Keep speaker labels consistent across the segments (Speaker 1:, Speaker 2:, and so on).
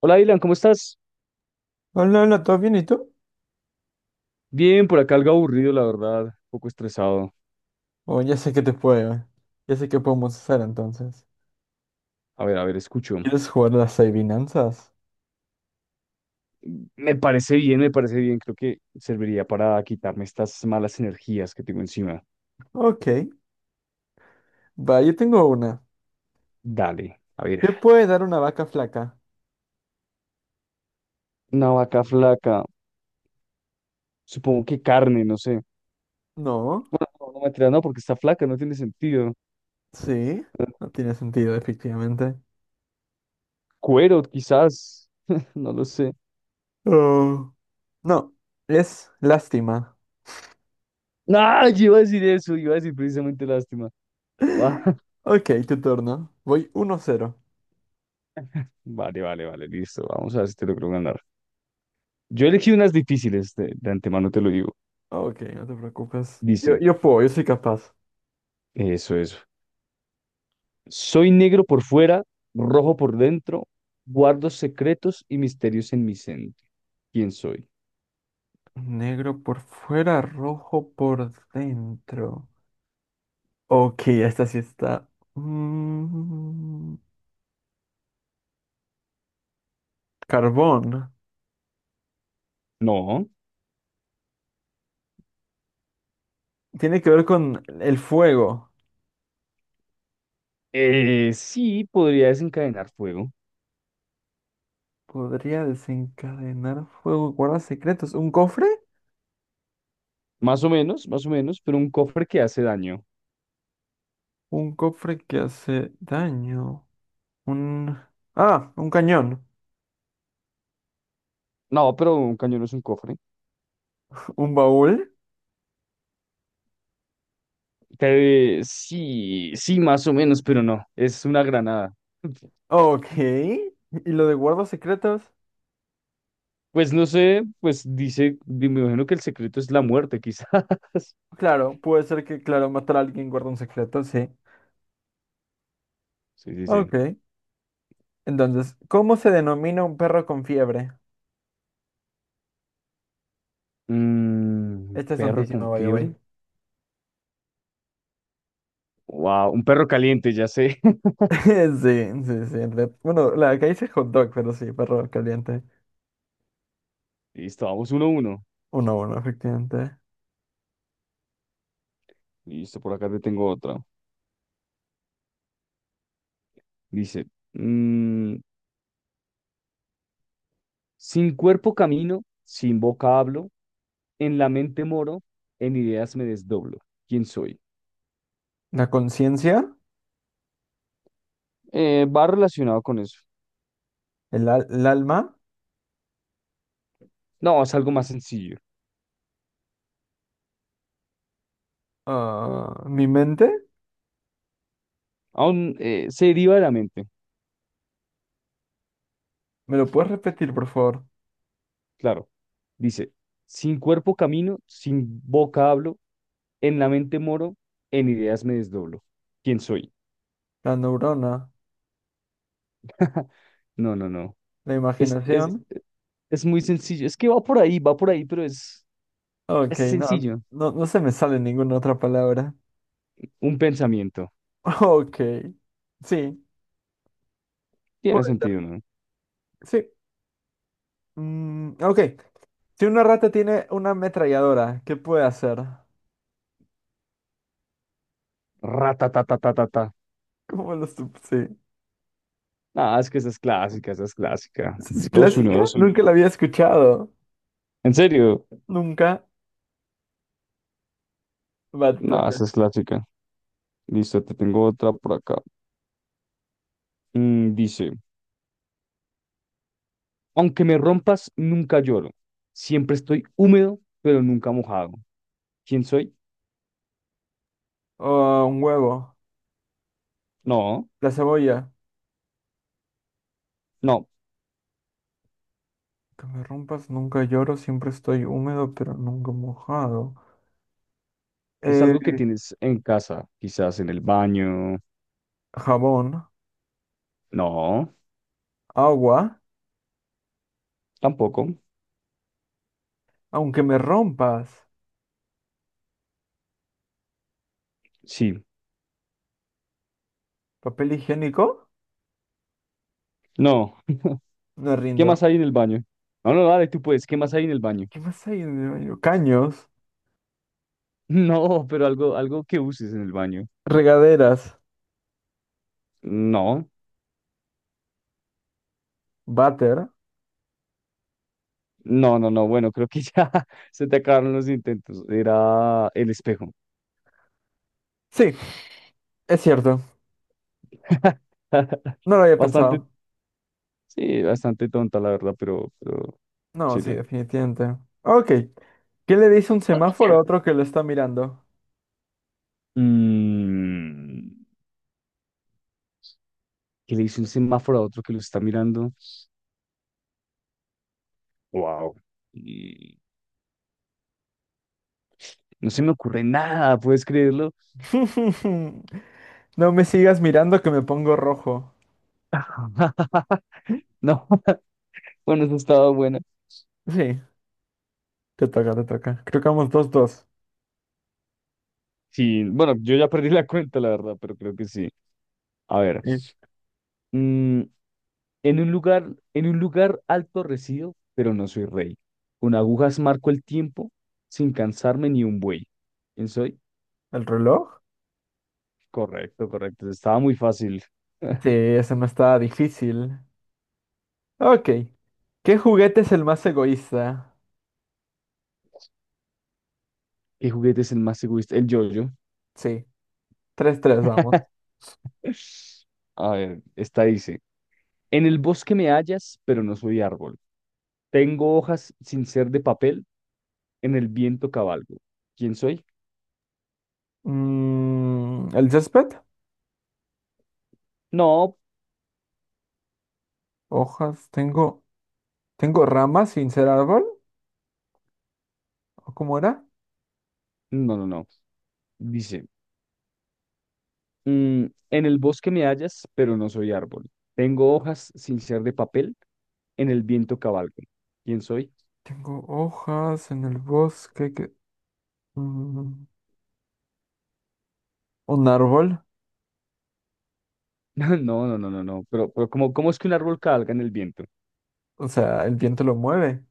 Speaker 1: Hola, Dylan, ¿cómo estás?
Speaker 2: Hola, hola, ¿todo bien y tú?
Speaker 1: Bien, por acá algo aburrido, la verdad, un poco estresado.
Speaker 2: Oh, ya sé que te puedo. Ya sé qué podemos hacer entonces.
Speaker 1: A ver, escucho.
Speaker 2: ¿Quieres jugar las adivinanzas?
Speaker 1: Me parece bien, me parece bien. Creo que serviría para quitarme estas malas energías que tengo encima.
Speaker 2: Ok. Va, yo tengo una.
Speaker 1: Dale, a ver.
Speaker 2: ¿Qué puede dar una vaca flaca?
Speaker 1: Una vaca flaca, supongo que carne, no sé.
Speaker 2: No.
Speaker 1: No, no me mentira, no, porque está flaca, no tiene sentido.
Speaker 2: Sí. No tiene sentido, efectivamente.
Speaker 1: Cuero, quizás, no lo sé.
Speaker 2: Oh. No. Es lástima.
Speaker 1: No, yo iba a decir eso, iba a decir precisamente lástima. Ah,
Speaker 2: Ok, tu turno. Voy 1-0.
Speaker 1: vale, vale, vale, listo. Vamos a ver si te logro ganar. Yo elegí unas difíciles, de antemano te lo digo.
Speaker 2: Ok, no te preocupes. Yo,
Speaker 1: Dice.
Speaker 2: yo puedo, yo soy capaz.
Speaker 1: Eso, eso. Soy negro por fuera, rojo por dentro, guardo secretos y misterios en mi centro. ¿Quién soy?
Speaker 2: Negro por fuera, rojo por dentro. Ok, esta sí está. Mm, carbón.
Speaker 1: No.
Speaker 2: Tiene que ver con el fuego.
Speaker 1: Sí, podría desencadenar fuego.
Speaker 2: Podría desencadenar fuego. Guarda secretos. ¿Un cofre?
Speaker 1: Más o menos, pero un cofre que hace daño.
Speaker 2: Un cofre que hace daño. Un... Ah, un cañón.
Speaker 1: No, pero un cañón no es un cofre.
Speaker 2: ¿Un baúl?
Speaker 1: Sí, sí, más o menos, pero no. Es una granada.
Speaker 2: Ok. ¿Y lo de guarda secretos?
Speaker 1: Pues no sé, pues dice, me imagino que el secreto es la muerte, quizás.
Speaker 2: Claro, puede ser que, claro, matar a alguien guarda un secreto, sí.
Speaker 1: Sí, sí, sí.
Speaker 2: Ok. Entonces, ¿cómo se denomina un perro con fiebre? Esta es
Speaker 1: Perro
Speaker 2: tontísima,
Speaker 1: con
Speaker 2: by the way.
Speaker 1: fiebre. Wow, un perro caliente, ya sé.
Speaker 2: Sí, sí, sí. Bueno, la que hice hot dog, pero sí, perro caliente.
Speaker 1: Listo, vamos uno a uno.
Speaker 2: 1-1, efectivamente.
Speaker 1: Listo, por acá te tengo otra. Dice, mm, sin cuerpo camino, sin boca hablo, en la mente moro, en ideas me desdoblo. ¿Quién soy?
Speaker 2: La conciencia,
Speaker 1: Va relacionado con eso.
Speaker 2: el, el alma,
Speaker 1: No, es algo más sencillo.
Speaker 2: ah, mi mente.
Speaker 1: Aún se deriva de la mente,
Speaker 2: ¿Me lo puedes repetir, por favor?
Speaker 1: claro. Dice, sin cuerpo camino, sin boca hablo, en la mente moro, en ideas me desdoblo. ¿Quién soy?
Speaker 2: La neurona,
Speaker 1: No, no, no.
Speaker 2: la
Speaker 1: Es, es,
Speaker 2: imaginación.
Speaker 1: Es muy sencillo. Es que va por ahí, pero
Speaker 2: Ok,
Speaker 1: es
Speaker 2: no,
Speaker 1: sencillo.
Speaker 2: no, no se me sale ninguna otra palabra.
Speaker 1: Un pensamiento.
Speaker 2: Ok, sí,
Speaker 1: Tiene
Speaker 2: puede ser.
Speaker 1: sentido, ¿no?
Speaker 2: Sí. Mm, ok, si una rata tiene una ametralladora, ¿qué puede hacer?
Speaker 1: Ratatatatata.
Speaker 2: ¿Cómo lo sup- Sí.
Speaker 1: Ah, es que esa es clásica, esa es clásica.
Speaker 2: ¿Es
Speaker 1: 2-1,
Speaker 2: clásica?
Speaker 1: 2-1.
Speaker 2: Nunca la había escuchado.
Speaker 1: ¿En serio?
Speaker 2: Nunca va a
Speaker 1: No,
Speaker 2: tocar.
Speaker 1: esa es clásica. Listo, te tengo otra por acá. Dice, aunque me rompas, nunca lloro. Siempre estoy húmedo, pero nunca mojado. ¿Quién soy?
Speaker 2: Oh, un huevo.
Speaker 1: No,
Speaker 2: La cebolla.
Speaker 1: no.
Speaker 2: Que me rompas, nunca lloro, siempre estoy húmedo, pero nunca mojado.
Speaker 1: Es
Speaker 2: Eh,
Speaker 1: algo que tienes en casa, quizás en el baño.
Speaker 2: jabón.
Speaker 1: No,
Speaker 2: Agua.
Speaker 1: tampoco.
Speaker 2: Aunque me rompas.
Speaker 1: Sí,
Speaker 2: Papel higiénico.
Speaker 1: no.
Speaker 2: No
Speaker 1: ¿Qué
Speaker 2: rindo.
Speaker 1: más hay en el baño? No, no, dale, tú puedes. ¿Qué más hay en el baño?
Speaker 2: ¿Qué más hay en el baño? Caños.
Speaker 1: No, pero algo, algo que uses en el baño.
Speaker 2: Regaderas.
Speaker 1: No,
Speaker 2: Váter.
Speaker 1: no, no, no. Bueno, creo que ya se te acabaron los intentos. Era el espejo.
Speaker 2: Sí, es cierto. No lo había
Speaker 1: Bastante,
Speaker 2: pensado.
Speaker 1: sí, bastante tonta, la verdad, pero
Speaker 2: No, sí,
Speaker 1: sirve.
Speaker 2: definitivamente. Ok. ¿Qué le dice un semáforo a otro que lo está mirando?
Speaker 1: Mm, que le hizo un semáforo a otro que lo está mirando. Wow. No se me ocurre nada, ¿puedes creerlo?
Speaker 2: No me sigas mirando que me pongo rojo. Sí,
Speaker 1: No, bueno, eso estaba bueno.
Speaker 2: te toca, te toca. Creo que vamos 2-2.
Speaker 1: Sí, bueno, yo ya perdí la cuenta, la verdad, pero creo que sí. A ver,
Speaker 2: ¿Y
Speaker 1: mm, en un lugar, en un lugar alto resido, pero no soy rey. Con agujas marco el tiempo sin cansarme ni un buey. ¿Quién soy?
Speaker 2: el reloj?
Speaker 1: Correcto, correcto. Estaba muy fácil.
Speaker 2: Sí, ese no está difícil. Ok. ¿Qué juguete es el más egoísta?
Speaker 1: ¿Qué juguete es el más egoísta? El yo-yo.
Speaker 2: Sí, 3-3 vamos.
Speaker 1: A ver, esta dice. En el bosque me hallas, pero no soy árbol. Tengo hojas sin ser de papel, en el viento cabalgo. ¿Quién soy?
Speaker 2: Mm, ¿el césped?
Speaker 1: No,
Speaker 2: Hojas, tengo, tengo ramas sin ser árbol, ¿o cómo era?
Speaker 1: no, no, no. Dice. En el bosque me hallas, pero no soy árbol. Tengo hojas sin ser de papel, en el viento cabalgo. ¿Quién soy?
Speaker 2: Tengo hojas en el bosque que... mm, un árbol,
Speaker 1: No, no, no, no, no. Pero ¿cómo es que un árbol cabalga en el viento?
Speaker 2: o sea, el viento lo mueve.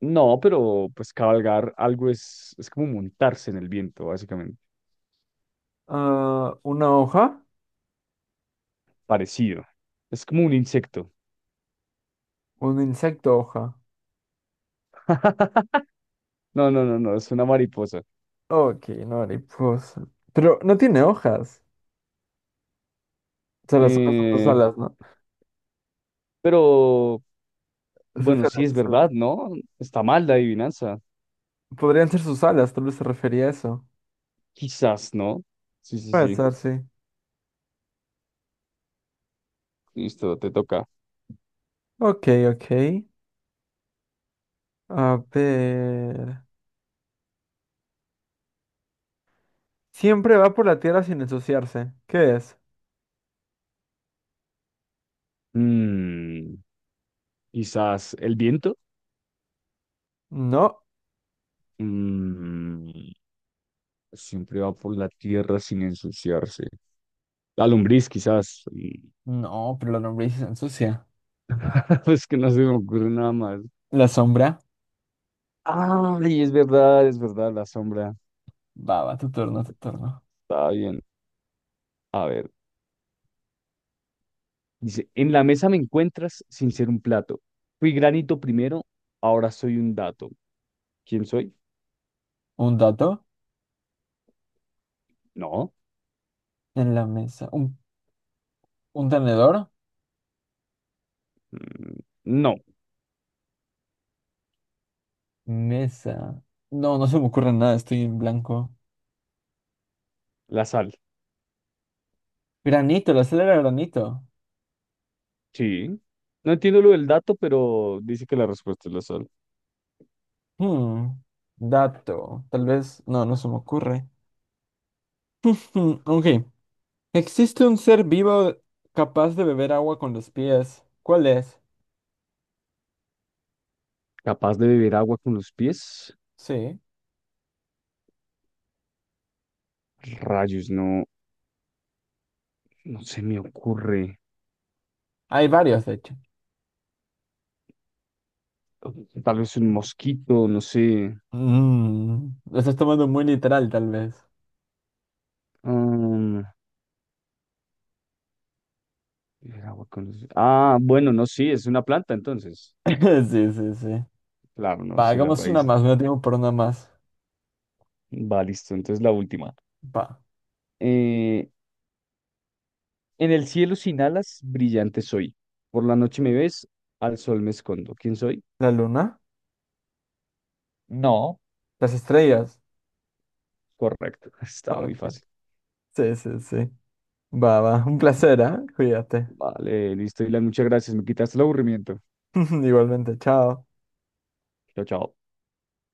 Speaker 1: No, pero pues cabalgar algo es como montarse en el viento, básicamente.
Speaker 2: Ah, una hoja,
Speaker 1: Parecido. Es como un insecto.
Speaker 2: un insecto hoja.
Speaker 1: No, no, no, no, es una mariposa.
Speaker 2: Ok, no, mariposa. Pero no tiene hojas. O sea, las hojas son sus
Speaker 1: Eh,
Speaker 2: alas, ¿no?
Speaker 1: pero,
Speaker 2: Sus
Speaker 1: bueno,
Speaker 2: alas,
Speaker 1: sí es
Speaker 2: sus
Speaker 1: verdad,
Speaker 2: alas.
Speaker 1: ¿no? Está mal la adivinanza.
Speaker 2: Podrían ser sus alas, tal vez se refería a eso.
Speaker 1: Quizás, ¿no? Sí, sí,
Speaker 2: Puede
Speaker 1: sí.
Speaker 2: ser, sí.
Speaker 1: Listo, te toca.
Speaker 2: Ok, ok. A ver. Siempre va por la tierra sin ensuciarse. ¿Qué es?
Speaker 1: Mm, Quizás el viento.
Speaker 2: No.
Speaker 1: Mm, Siempre va por la tierra sin ensuciarse. La lombriz, quizás. Y-
Speaker 2: No, pero la lombriz se ensucia.
Speaker 1: Pues que no se me ocurre nada más.
Speaker 2: La sombra.
Speaker 1: Ay, es verdad, la sombra.
Speaker 2: Va, va, tu turno, tu turno.
Speaker 1: Está bien. A ver. Dice, en la mesa me encuentras sin ser un plato. Fui granito primero, ahora soy un dato. ¿Quién soy?
Speaker 2: Un dato
Speaker 1: No.
Speaker 2: en la mesa. Un tenedor.
Speaker 1: Mm, No,
Speaker 2: Mesa. No, no se me ocurre nada, estoy en blanco.
Speaker 1: la sal.
Speaker 2: Granito, la sal era granito.
Speaker 1: Sí. No entiendo lo del dato, pero dice que la respuesta es la sal.
Speaker 2: Hmm, dato, tal vez, no, no se me ocurre. Hmm, ok, existe un ser vivo capaz de beber agua con los pies. ¿Cuál es?
Speaker 1: Capaz de beber agua con los pies.
Speaker 2: Sí,
Speaker 1: Rayos, no, no se me ocurre.
Speaker 2: hay varios, de hecho.
Speaker 1: Tal vez un mosquito, no sé.
Speaker 2: Mm, lo estás tomando muy literal, tal vez.
Speaker 1: Ah, beber agua con los... Ah, bueno, no, sí, es una planta entonces.
Speaker 2: Sí, sí, sí.
Speaker 1: Claro, no,
Speaker 2: Va,
Speaker 1: sí, las
Speaker 2: hagamos una
Speaker 1: raíces.
Speaker 2: más, no tengo por una más.
Speaker 1: Va, listo, entonces la última.
Speaker 2: Va.
Speaker 1: Eh, en el cielo sin alas, brillante soy. Por la noche me ves, al sol me escondo. ¿Quién soy?
Speaker 2: ¿La luna?
Speaker 1: No.
Speaker 2: ¿Las estrellas?
Speaker 1: Correcto, está muy
Speaker 2: Ok.
Speaker 1: fácil.
Speaker 2: Sí, sí, sí. Va, va, un placer, ¿eh? Cuídate.
Speaker 1: Vale, listo, Dylan, muchas gracias, me quitaste el aburrimiento.
Speaker 2: Igualmente, chao.
Speaker 1: Chao, chao.